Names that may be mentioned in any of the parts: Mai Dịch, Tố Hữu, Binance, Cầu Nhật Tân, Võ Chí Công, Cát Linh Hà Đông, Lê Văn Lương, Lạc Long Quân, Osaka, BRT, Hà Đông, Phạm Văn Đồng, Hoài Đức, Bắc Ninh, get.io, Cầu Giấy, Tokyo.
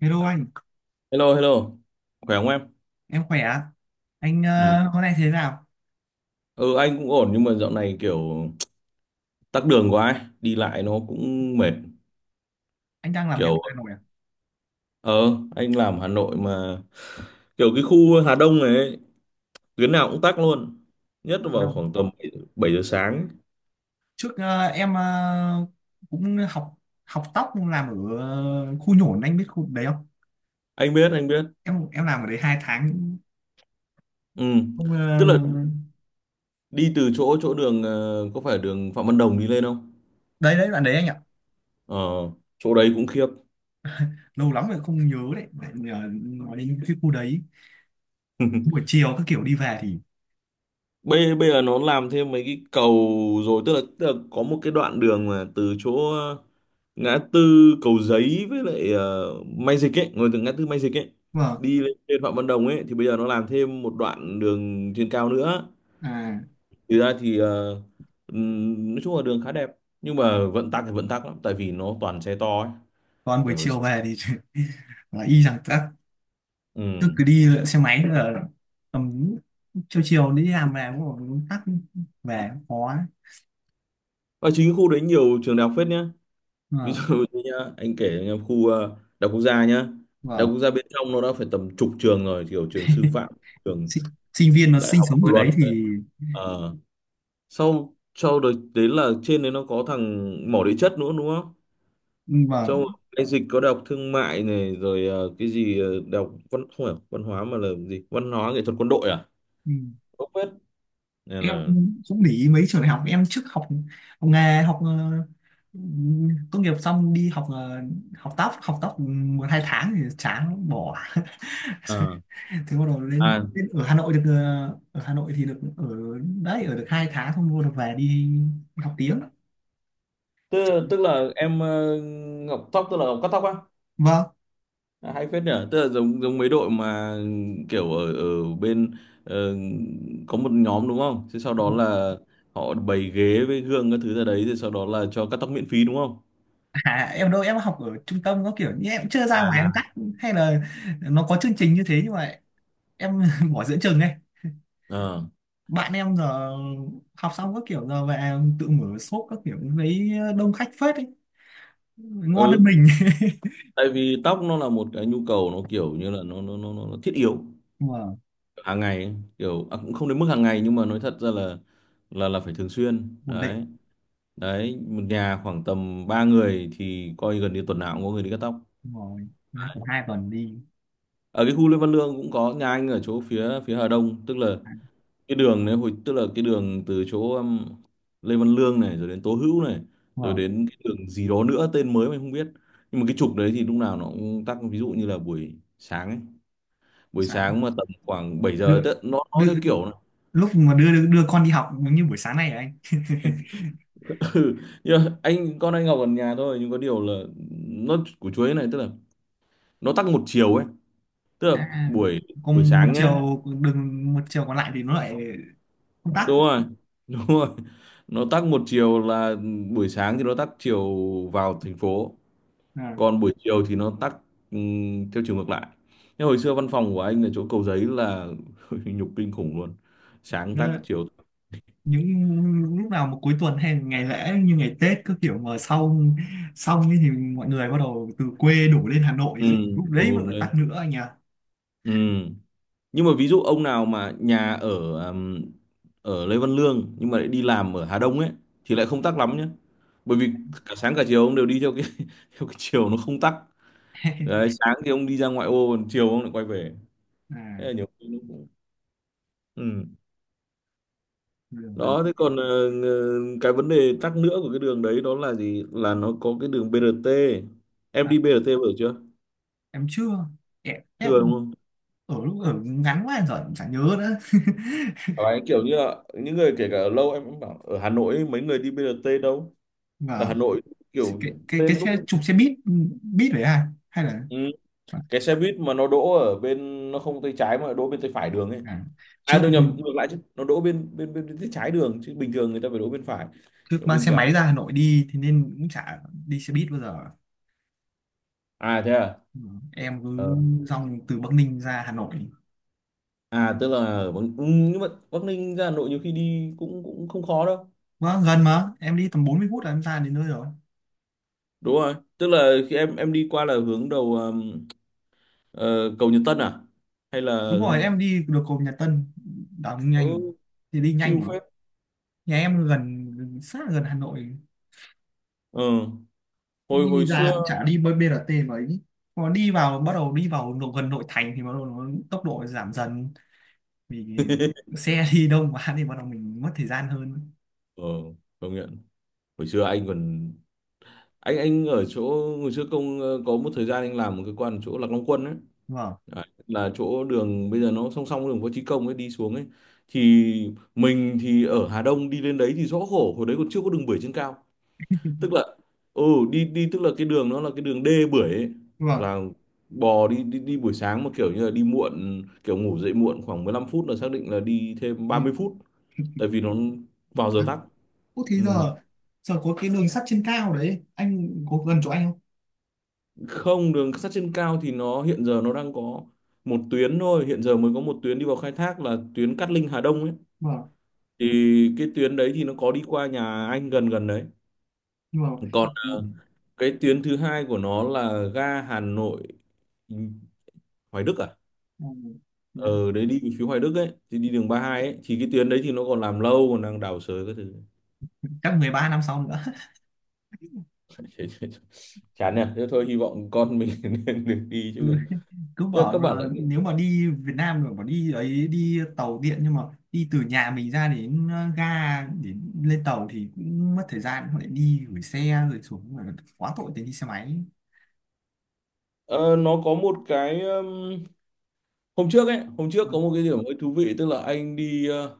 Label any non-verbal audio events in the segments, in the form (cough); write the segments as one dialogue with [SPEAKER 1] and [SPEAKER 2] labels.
[SPEAKER 1] Hello anh,
[SPEAKER 2] Hello, hello. Khỏe không em?
[SPEAKER 1] em khỏe ạ. Anh
[SPEAKER 2] Ừ.
[SPEAKER 1] hôm nay thế nào?
[SPEAKER 2] Ừ, anh cũng ổn nhưng mà dạo này kiểu tắc đường quá ấy. Đi lại nó cũng mệt.
[SPEAKER 1] Anh đang làm việc
[SPEAKER 2] Kiểu,
[SPEAKER 1] ở Hà Nội à?
[SPEAKER 2] ờ, anh làm Hà Nội mà kiểu cái khu Hà Đông này ấy, tuyến nào cũng tắc luôn. Nhất
[SPEAKER 1] Không
[SPEAKER 2] là vào
[SPEAKER 1] đâu?
[SPEAKER 2] khoảng tầm bảy bảy giờ sáng.
[SPEAKER 1] Trước em cũng học học tóc làm ở khu nhổn, anh biết khu đấy không?
[SPEAKER 2] Anh biết, anh biết.
[SPEAKER 1] Em làm ở đấy 2 tháng.
[SPEAKER 2] Ừ.
[SPEAKER 1] Không
[SPEAKER 2] Tức là đi từ chỗ chỗ đường, có phải đường Phạm Văn Đồng đi lên không?
[SPEAKER 1] đấy đấy bạn đấy anh ạ.
[SPEAKER 2] Ờ, chỗ đấy cũng khiếp.
[SPEAKER 1] Lâu lắm rồi không nhớ đấy. Tại vì, nói đến cái khu đấy buổi
[SPEAKER 2] (laughs)
[SPEAKER 1] chiều các kiểu đi về thì
[SPEAKER 2] bây bây giờ nó làm thêm mấy cái cầu rồi, tức là, có một cái đoạn đường mà từ chỗ ngã tư Cầu Giấy với lại Mai Dịch ấy, ngồi từ ngã tư Mai Dịch ấy
[SPEAKER 1] vâng,
[SPEAKER 2] đi lên trên Phạm Văn Đồng ấy thì bây giờ nó làm thêm một đoạn đường trên cao nữa,
[SPEAKER 1] à,
[SPEAKER 2] thì ra thì nói chung là đường khá đẹp nhưng mà vận tắc thì vận tắc lắm tại vì nó toàn xe to ấy,
[SPEAKER 1] còn buổi
[SPEAKER 2] kiểu
[SPEAKER 1] chiều về thì (laughs) là y rằng tắc, cứ
[SPEAKER 2] ừ.
[SPEAKER 1] cứ đi xe máy là tầm chiều chiều đi làm về cũng còn tắc, về khó.
[SPEAKER 2] Ở chính cái khu đấy nhiều trường đại học phết nhá, ví
[SPEAKER 1] Ờ,
[SPEAKER 2] dụ như nhá anh kể cho nhá, khu đại học quốc gia nhá. Đại
[SPEAKER 1] vâng.
[SPEAKER 2] học quốc gia bên trong nó đã phải tầm chục trường rồi, kiểu trường sư phạm, trường
[SPEAKER 1] Sinh, sinh viên nó
[SPEAKER 2] đại
[SPEAKER 1] sinh
[SPEAKER 2] học
[SPEAKER 1] sống ở
[SPEAKER 2] luật,
[SPEAKER 1] đấy thì
[SPEAKER 2] ờ, sau sau đấy, đấy là trên đấy nó có thằng mỏ địa chất nữa đúng không, sau
[SPEAKER 1] vâng,
[SPEAKER 2] rồi cái dịch có đại học thương mại này, rồi cái gì đại học văn, không phải văn hóa mà là gì, văn hóa nghệ thuật quân đội à,
[SPEAKER 1] ừ.
[SPEAKER 2] không biết, nên
[SPEAKER 1] Em
[SPEAKER 2] là
[SPEAKER 1] cũng để ý mấy trường đại học. Em trước học học nghề, học tốt nghiệp xong đi học học tóc, học tóc 1 2 tháng thì chán bỏ.
[SPEAKER 2] ờ,
[SPEAKER 1] (laughs) Thế bắt đầu lên,
[SPEAKER 2] à
[SPEAKER 1] lên ở Hà Nội được ở Hà Nội thì được ở đấy, ở được 2 tháng xong bắt đầu về đi, đi học tiếng.
[SPEAKER 2] tức là em ngọc tóc tức là ngọc cắt tóc á.
[SPEAKER 1] Vâng.
[SPEAKER 2] À, hay phết nhở, tức là giống giống mấy đội mà kiểu ở ở bên ờ, có một nhóm đúng không, thế sau đó là họ bày ghế với gương các thứ ra đấy rồi sau đó là cho cắt tóc miễn phí đúng không,
[SPEAKER 1] À, em đâu, em học ở trung tâm có kiểu như em chưa ra ngoài
[SPEAKER 2] à à,
[SPEAKER 1] em cắt, hay là nó có chương trình như thế nhưng mà em (laughs) bỏ giữa chừng này.
[SPEAKER 2] ờ
[SPEAKER 1] Bạn em giờ học xong các kiểu giờ về tự mở shop các kiểu, lấy đông khách phết ấy, ngon hơn
[SPEAKER 2] ừ,
[SPEAKER 1] mình.
[SPEAKER 2] tại vì tóc nó là một cái nhu cầu, nó kiểu như là nó thiết yếu
[SPEAKER 1] (laughs) Mà
[SPEAKER 2] hàng ngày ấy. Kiểu à, cũng không đến mức hàng ngày nhưng mà nói thật ra là phải thường xuyên
[SPEAKER 1] ổn định
[SPEAKER 2] đấy. Đấy, một nhà khoảng tầm 3 người thì coi gần như tuần nào cũng có người đi cắt tóc.
[SPEAKER 1] rồi, ra khoảng 2 tuần đi.
[SPEAKER 2] Ở cái khu Lê Văn Lương cũng có, nhà anh ở chỗ phía phía Hà Đông, tức là cái đường đấy hồi, tức là cái đường từ chỗ Lê Văn Lương này, rồi đến Tố Hữu này, rồi
[SPEAKER 1] Mở
[SPEAKER 2] đến cái đường gì đó nữa tên mới mình không biết, nhưng mà cái trục đấy thì lúc nào nó cũng tắc, ví dụ như là buổi sáng ấy. Buổi
[SPEAKER 1] sáng,
[SPEAKER 2] sáng mà tầm khoảng 7
[SPEAKER 1] đưa,
[SPEAKER 2] giờ tức nó
[SPEAKER 1] đưa,
[SPEAKER 2] theo kiểu là-
[SPEAKER 1] lúc mà đưa đưa con đi học giống như buổi sáng này rồi anh.
[SPEAKER 2] (laughs) Ừ, nhưng mà anh con anh Ngọc ở nhà thôi nhưng có điều là nó của chuối này, tức là nó tắc một chiều ấy, tức
[SPEAKER 1] (laughs)
[SPEAKER 2] là
[SPEAKER 1] À,
[SPEAKER 2] buổi buổi
[SPEAKER 1] còn một
[SPEAKER 2] sáng nhá.
[SPEAKER 1] chiều đường, một chiều còn lại thì nó lại công tác.
[SPEAKER 2] Đúng rồi, đúng rồi, nó tắc một chiều là buổi sáng thì nó tắc chiều vào thành phố,
[SPEAKER 1] À,
[SPEAKER 2] còn buổi chiều thì nó tắc theo chiều ngược lại. Nhưng hồi xưa văn phòng của anh ở chỗ Cầu Giấy là (laughs) nhục kinh khủng luôn, sáng tắc chiều tắc.
[SPEAKER 1] những lúc nào mà cuối tuần hay ngày lễ như ngày Tết cứ kiểu mà xong xong ấy thì mọi người bắt đầu từ quê đổ lên Hà Nội
[SPEAKER 2] Ừ,
[SPEAKER 1] thì lúc
[SPEAKER 2] buồn
[SPEAKER 1] đấy mới
[SPEAKER 2] buồn
[SPEAKER 1] phải
[SPEAKER 2] lên.
[SPEAKER 1] tắc nữa anh nhỉ.
[SPEAKER 2] Ừ. Nhưng mà ví dụ ông nào mà nhà ở ừm, ở Lê Văn Lương nhưng mà lại đi làm ở Hà Đông ấy thì lại không tắc lắm nhé, bởi vì cả sáng cả chiều ông đều đi theo cái (laughs) theo cái chiều nó không tắc. Đấy,
[SPEAKER 1] (laughs)
[SPEAKER 2] sáng thì ông đi ra ngoại ô còn chiều ông lại quay về, thế là
[SPEAKER 1] À,
[SPEAKER 2] nhiều khi nó cũng ừ.
[SPEAKER 1] đường Hà Nội.
[SPEAKER 2] Đó, thế còn cái vấn đề tắc nữa của cái đường đấy đó là gì, là nó có cái đường BRT. Em
[SPEAKER 1] À,
[SPEAKER 2] đi BRT bao giờ chưa?
[SPEAKER 1] em chưa. em,
[SPEAKER 2] Chưa đúng
[SPEAKER 1] em
[SPEAKER 2] không.
[SPEAKER 1] ở lúc ở ngắn quá rồi em chẳng nhớ nữa.
[SPEAKER 2] Đấy, kiểu như là những người kể cả ở lâu em cũng bảo, ở Hà Nội ấy, mấy người đi BRT đâu. Ở Hà
[SPEAKER 1] Và
[SPEAKER 2] Nội, kiểu
[SPEAKER 1] cái cái
[SPEAKER 2] lên
[SPEAKER 1] cái
[SPEAKER 2] lúc
[SPEAKER 1] xe chụp xe buýt, buýt đấy à hay là
[SPEAKER 2] ừ. Cái xe buýt mà nó đỗ ở bên nó không tay trái, mà đỗ bên tay phải đường ấy,
[SPEAKER 1] à,
[SPEAKER 2] à
[SPEAKER 1] trước
[SPEAKER 2] đâu nhầm ngược lại chứ, nó đỗ bên bên bên bên tay trái đường chứ bình thường người ta phải đỗ bên phải,
[SPEAKER 1] trước
[SPEAKER 2] đỗ
[SPEAKER 1] mang
[SPEAKER 2] bên
[SPEAKER 1] xe
[SPEAKER 2] trái,
[SPEAKER 1] máy ra Hà Nội đi thì nên cũng chả đi xe buýt bao giờ.
[SPEAKER 2] à thế à.
[SPEAKER 1] Ừ, em cứ
[SPEAKER 2] Ờ,
[SPEAKER 1] dòng từ Bắc Ninh ra Hà Nội.
[SPEAKER 2] à tức là ở Bắc... ừ, nhưng mà Bắc Ninh ra Hà Nội nhiều khi đi cũng cũng không khó đâu.
[SPEAKER 1] Vâng, gần mà. Em đi tầm 40 phút là em ra đến nơi rồi.
[SPEAKER 2] Đúng rồi, tức là khi em đi qua là hướng đầu cầu Nhật Tân à hay là
[SPEAKER 1] Đúng
[SPEAKER 2] hướng nào?
[SPEAKER 1] rồi, em đi được cầu Nhật Tân. Đảo nhanh.
[SPEAKER 2] Ừ,
[SPEAKER 1] Thì đi nhanh
[SPEAKER 2] chill
[SPEAKER 1] mà.
[SPEAKER 2] phết.
[SPEAKER 1] Nhà em gần, sát là gần Hà Nội.
[SPEAKER 2] Ờ, hồi
[SPEAKER 1] Đi
[SPEAKER 2] hồi xưa
[SPEAKER 1] ra cũng chả đi bơi BRT mà ấy. Còn đi vào, bắt đầu đi vào nội- gần nội thành thì bắt đầu nó tốc độ giảm dần. Vì
[SPEAKER 2] (laughs)
[SPEAKER 1] xe (laughs) đi đông quá thì bắt đầu mình mất thời gian hơn.
[SPEAKER 2] ờ công nhận. Hồi xưa anh còn anh ở chỗ hồi xưa công có một thời gian anh làm một cái quan ở chỗ Lạc Long Quân ấy.
[SPEAKER 1] Vâng,
[SPEAKER 2] Đấy, là chỗ đường bây giờ nó song song với đường Võ Chí Công ấy đi xuống ấy, thì mình thì ở Hà Đông đi lên đấy thì rõ khổ, hồi đấy còn chưa có đường bưởi trên cao, tức là ừ đi đi tức là cái đường nó là cái đường đê bưởi ấy.
[SPEAKER 1] vâng.
[SPEAKER 2] Là bò đi đi đi buổi sáng mà kiểu như là đi muộn, kiểu ngủ dậy muộn khoảng 15 phút là xác định là đi thêm ba
[SPEAKER 1] Đi
[SPEAKER 2] mươi phút tại vì nó
[SPEAKER 1] một
[SPEAKER 2] vào giờ
[SPEAKER 1] phát.
[SPEAKER 2] tắc.
[SPEAKER 1] Ủa thế
[SPEAKER 2] Ừ.
[SPEAKER 1] giờ, giờ có cái đường sắt trên cao đấy. Anh có gần chỗ anh không?
[SPEAKER 2] Không, đường sắt trên cao thì nó hiện giờ nó đang có một tuyến thôi, hiện giờ mới có một tuyến đi vào khai thác là tuyến Cát Linh Hà Đông ấy,
[SPEAKER 1] Vâng,
[SPEAKER 2] thì cái tuyến đấy thì nó có đi qua nhà anh gần gần đấy.
[SPEAKER 1] nhưng mà...
[SPEAKER 2] Còn cái tuyến thứ hai của nó là ga Hà Nội Hoài Đức à,
[SPEAKER 1] Ừ.
[SPEAKER 2] ờ đấy, đi về phía Hoài Đức ấy thì đi đường 32 ấy, thì cái tuyến đấy thì nó còn làm lâu, còn đang đào xới các thứ.
[SPEAKER 1] Chắc 13 năm sau nữa.
[SPEAKER 2] (laughs) Chán nhỉ, thế thôi hy vọng con mình (laughs) nên được đi
[SPEAKER 1] Ừ.
[SPEAKER 2] chứ còn
[SPEAKER 1] (laughs) Cứ
[SPEAKER 2] nhưng mà các
[SPEAKER 1] bảo là
[SPEAKER 2] bạn lại
[SPEAKER 1] nếu mà đi Việt Nam rồi bảo đi ấy đi tàu điện nhưng mà đi từ nhà mình ra đến ga để lên tàu thì cũng mất thời gian, họ lại đi gửi xe rồi xuống rồi quá tội thì đi xe máy.
[SPEAKER 2] ờ, nó có một cái hôm trước ấy, hôm trước
[SPEAKER 1] Vâng.
[SPEAKER 2] có một cái điểm hơi thú vị, tức là anh đi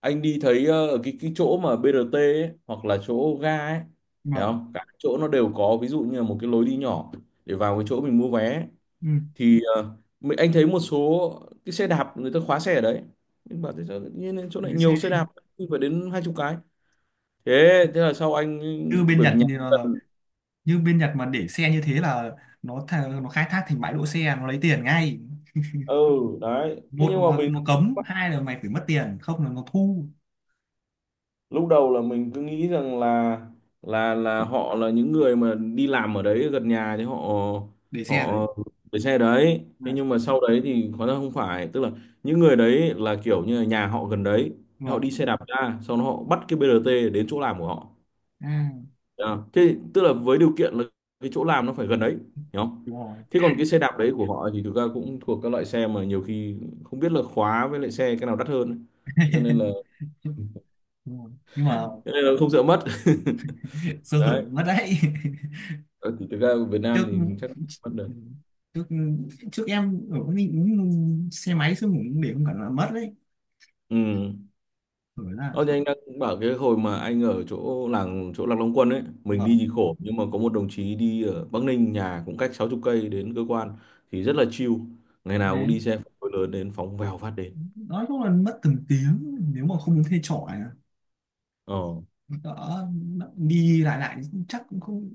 [SPEAKER 2] anh đi thấy ở cái chỗ mà BRT ấy, hoặc là chỗ ga ấy,
[SPEAKER 1] Nhưng
[SPEAKER 2] thấy
[SPEAKER 1] mà
[SPEAKER 2] không cả chỗ nó đều có ví dụ như là một cái lối đi nhỏ để vào cái chỗ mình mua vé,
[SPEAKER 1] ừ,
[SPEAKER 2] thì anh thấy một số cái xe đạp người ta khóa xe ở đấy, nhưng bảo thế sao tự nhiên chỗ này
[SPEAKER 1] gửi
[SPEAKER 2] nhiều
[SPEAKER 1] xe
[SPEAKER 2] xe đạp, phải đến 20 cái, thế thế là sau anh,
[SPEAKER 1] như bên
[SPEAKER 2] bởi vì
[SPEAKER 1] Nhật
[SPEAKER 2] nhà
[SPEAKER 1] như,
[SPEAKER 2] anh
[SPEAKER 1] là-
[SPEAKER 2] gần.
[SPEAKER 1] như bên Nhật mà để xe như thế là nó tha- nó khai thác thành bãi đỗ xe, nó lấy tiền ngay.
[SPEAKER 2] Ừ, đấy, thế
[SPEAKER 1] Một
[SPEAKER 2] nhưng mà
[SPEAKER 1] là
[SPEAKER 2] mình
[SPEAKER 1] nó cấm, hai là mày phải mất tiền, không là nó thu
[SPEAKER 2] lúc đầu là mình cứ nghĩ rằng là họ là những người mà đi làm ở đấy gần nhà thì họ
[SPEAKER 1] để xe
[SPEAKER 2] họ
[SPEAKER 1] đấy.
[SPEAKER 2] để xe đấy, thế
[SPEAKER 1] Vâng.
[SPEAKER 2] nhưng mà sau đấy thì hóa ra không phải, tức là những người đấy là kiểu như là nhà họ gần đấy, họ
[SPEAKER 1] Vâng.
[SPEAKER 2] đi xe đạp ra sau đó họ bắt cái BRT đến chỗ làm của họ.
[SPEAKER 1] À,
[SPEAKER 2] À, thế tức là với điều kiện là cái chỗ làm nó phải gần đấy, hiểu không.
[SPEAKER 1] đúng rồi.
[SPEAKER 2] Thế còn cái xe đạp đấy của họ thì thực ra cũng thuộc các loại xe mà nhiều khi không biết là khóa với lại xe cái nào đắt hơn ấy. Cho nên là,
[SPEAKER 1] (laughs) Đúng rồi. Nhưng mà
[SPEAKER 2] không sợ mất. (laughs)
[SPEAKER 1] (laughs) sơ hở
[SPEAKER 2] Đấy.
[SPEAKER 1] mất đấy.
[SPEAKER 2] Ờ, thì thực ra ở Việt Nam
[SPEAKER 1] (laughs) Trước,
[SPEAKER 2] thì chắc không mất được.
[SPEAKER 1] ừ, trước trước em ở cái xe máy xong cũng để không cẩn là mất đấy
[SPEAKER 2] Ừ.
[SPEAKER 1] rồi là
[SPEAKER 2] Ờ, thì anh đang bảo cái hồi mà anh ở chỗ làng chỗ Lạc Long Quân ấy, mình đi
[SPEAKER 1] vâng
[SPEAKER 2] thì khổ, nhưng mà có một đồng chí đi ở Bắc Ninh nhà cũng cách 60 cây đến cơ quan thì rất là chill, ngày nào cũng
[SPEAKER 1] đấy.
[SPEAKER 2] đi xe phân khối lớn đến phóng vèo phát đến.
[SPEAKER 1] Nói chung là mất từng tiếng nếu mà không thuê trọ này,
[SPEAKER 2] ờ
[SPEAKER 1] đỡ đi lại lại chắc cũng không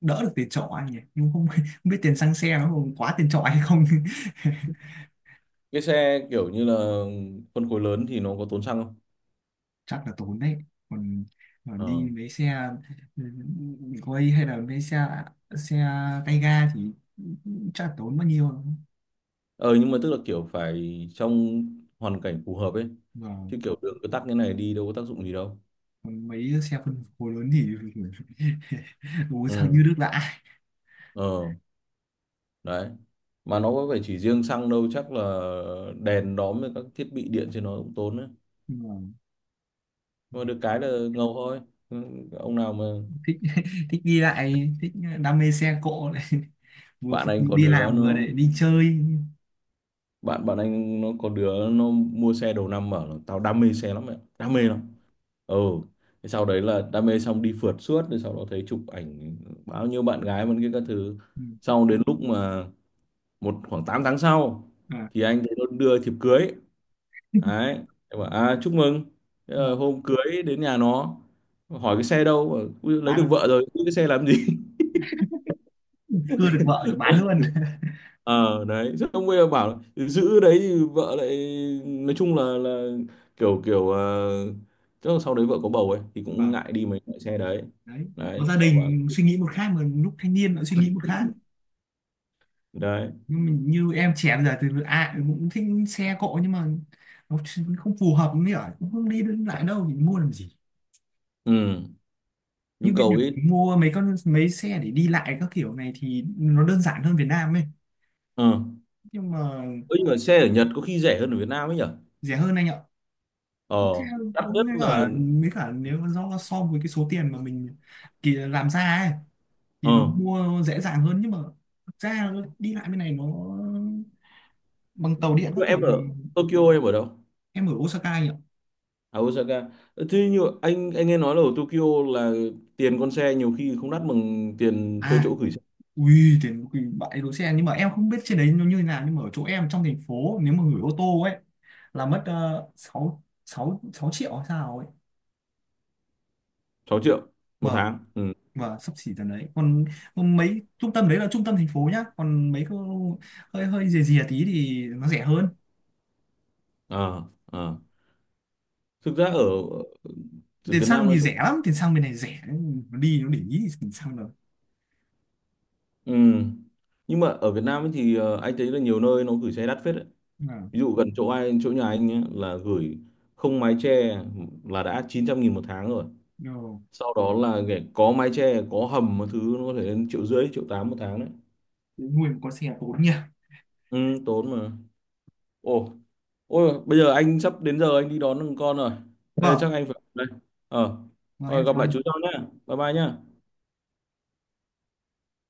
[SPEAKER 1] đỡ được tiền trọ anh nhỉ, nhưng không, (laughs) không biết tiền xăng xe nó còn quá tiền trọ hay không. (laughs)
[SPEAKER 2] cái xe kiểu như là phân khối lớn thì nó có tốn xăng không.
[SPEAKER 1] Chắc là tốn đấy. Còn, còn
[SPEAKER 2] ờ
[SPEAKER 1] đi mấy xe quay hay là mấy xe xe tay ga thì chắc là tốn bao nhiêu.
[SPEAKER 2] ờ nhưng mà tức là kiểu phải trong hoàn cảnh phù hợp ấy,
[SPEAKER 1] Và
[SPEAKER 2] chứ kiểu
[SPEAKER 1] còn,
[SPEAKER 2] đường cứ tắc như này đi đâu có tác dụng gì đâu.
[SPEAKER 1] còn mấy xe phân khối lớn thì (laughs) bố sang như
[SPEAKER 2] Ừ.
[SPEAKER 1] nước lã.
[SPEAKER 2] ờ Đấy, mà nó có phải chỉ riêng xăng đâu, chắc là đèn đóm với các thiết bị điện trên nó cũng tốn đấy,
[SPEAKER 1] Nhưng mà
[SPEAKER 2] nhưng mà được cái là ngầu thôi. Ừ, ông nào mà
[SPEAKER 1] thích đi lại, thích đam mê xe cộ này (laughs) vừa
[SPEAKER 2] bạn
[SPEAKER 1] phục
[SPEAKER 2] anh
[SPEAKER 1] vụ
[SPEAKER 2] có
[SPEAKER 1] đi
[SPEAKER 2] đứa
[SPEAKER 1] làm
[SPEAKER 2] nó,
[SPEAKER 1] vừa để đi chơi.
[SPEAKER 2] bạn bạn anh nó có đứa nó mua xe đầu năm bảo là tao đam mê xe lắm mẹ, đam
[SPEAKER 1] Đúng
[SPEAKER 2] mê
[SPEAKER 1] rồi.
[SPEAKER 2] lắm. Ừ. Thế sau đấy là đam mê xong đi phượt suốt, rồi sau đó thấy chụp ảnh bao nhiêu bạn gái vẫn kia các thứ,
[SPEAKER 1] Ừ.
[SPEAKER 2] sau đến lúc mà một khoảng 8 tháng sau
[SPEAKER 1] À,
[SPEAKER 2] thì anh thấy nó đưa thiệp cưới. Đấy, em bảo à chúc mừng. Thế
[SPEAKER 1] đúng
[SPEAKER 2] là
[SPEAKER 1] rồi.
[SPEAKER 2] hôm cưới đến nhà nó hỏi cái xe đâu, bảo, "Ui, lấy được vợ
[SPEAKER 1] Bán,
[SPEAKER 2] rồi giữ cái xe làm gì." (laughs)
[SPEAKER 1] cưa được vợ rồi bán luôn. (laughs)
[SPEAKER 2] Ờ Đấy, rất ông bây bảo là, giữ đấy thì vợ lại nói chung là kiểu kiểu ờ, chắc là sau đấy vợ có bầu ấy thì cũng
[SPEAKER 1] Vâng,
[SPEAKER 2] ngại đi mấy loại xe đấy.
[SPEAKER 1] đấy, có
[SPEAKER 2] Đấy
[SPEAKER 1] gia
[SPEAKER 2] vợ bảo.
[SPEAKER 1] đình suy nghĩ một khác mà lúc thanh niên lại suy nghĩ một khác.
[SPEAKER 2] Đấy.
[SPEAKER 1] Nhưng mình như em trẻ bây giờ thì ai cũng thích xe cộ nhưng mà nó ch- không phù hợp, mới ở cũng không đi đến lại đâu thì mua làm gì.
[SPEAKER 2] Ừ.
[SPEAKER 1] Như
[SPEAKER 2] Nhu
[SPEAKER 1] bên
[SPEAKER 2] cầu
[SPEAKER 1] Nhật
[SPEAKER 2] ít.
[SPEAKER 1] thì mua mấy con mấy xe để đi lại các kiểu này thì nó đơn giản hơn Việt Nam ấy.
[SPEAKER 2] Ờ ừ.
[SPEAKER 1] Nhưng mà
[SPEAKER 2] Nhưng mà xe ở Nhật có khi rẻ hơn ở Việt Nam ấy nhở.
[SPEAKER 1] rẻ hơn anh ạ. Xe
[SPEAKER 2] ờ Đắt
[SPEAKER 1] cũng
[SPEAKER 2] nhất
[SPEAKER 1] mới
[SPEAKER 2] là.
[SPEAKER 1] cả, mới cả nếu mà do so với cái số tiền mà mình kỳ làm ra ấy thì
[SPEAKER 2] ờ
[SPEAKER 1] nó mua dễ dàng hơn nhưng mà thực ra nó đi lại bên này nó bằng tàu điện
[SPEAKER 2] nhưng
[SPEAKER 1] các
[SPEAKER 2] mà
[SPEAKER 1] kiểu
[SPEAKER 2] em
[SPEAKER 1] thì
[SPEAKER 2] ở Tokyo, em ở đâu?
[SPEAKER 1] em ở Osaka nhỉ.
[SPEAKER 2] À, Osaka. Ờ, thế như anh nghe nói là ở Tokyo là tiền con xe nhiều khi không đắt bằng tiền thuê
[SPEAKER 1] À.
[SPEAKER 2] chỗ gửi xe,
[SPEAKER 1] Ui, tiền quỳ bãi đỗ xe, nhưng mà em không biết trên đấy nó như thế nào nhưng mà ở chỗ em trong thành phố nếu mà gửi ô tô ấy là mất 6 6 6 triệu hay sao ấy.
[SPEAKER 2] 6 triệu một
[SPEAKER 1] Vâng,
[SPEAKER 2] tháng. Ừ.
[SPEAKER 1] vâng, sắp xỉ tầm đấy. Còn, còn mấy trung tâm đấy là trung tâm thành phố nhá, còn mấy cái hơi hơi rìa rìa tí thì nó rẻ hơn.
[SPEAKER 2] ờ ờ Thực ra ở ở
[SPEAKER 1] Tiền
[SPEAKER 2] Việt Nam
[SPEAKER 1] xăng
[SPEAKER 2] nói
[SPEAKER 1] thì
[SPEAKER 2] chung.
[SPEAKER 1] rẻ lắm, tiền xăng bên này rẻ, nó đi nó để ý thì tiền xăng rồi.
[SPEAKER 2] Ừ, nhưng mà ở Việt Nam ấy thì anh thấy là nhiều nơi nó gửi xe đắt phết đấy.
[SPEAKER 1] À,
[SPEAKER 2] Ví dụ gần chỗ anh chỗ nhà anh nhé, là gửi không mái che là đã 900.000 một tháng rồi,
[SPEAKER 1] rồi.
[SPEAKER 2] sau đó là để có mái che có hầm một thứ nó có thể lên triệu rưỡi triệu tám một tháng đấy.
[SPEAKER 1] Nuôi một con xe tốn nhỉ.
[SPEAKER 2] Ừ, tốn mà. Ồ, ôi bây giờ anh sắp đến giờ anh đi đón con rồi, bây giờ
[SPEAKER 1] Vâng,
[SPEAKER 2] chắc anh phải đây. ờ
[SPEAKER 1] vâng
[SPEAKER 2] Rồi
[SPEAKER 1] em
[SPEAKER 2] gặp
[SPEAKER 1] chào
[SPEAKER 2] lại chú
[SPEAKER 1] anh.
[SPEAKER 2] sau nhé, bye bye nhé.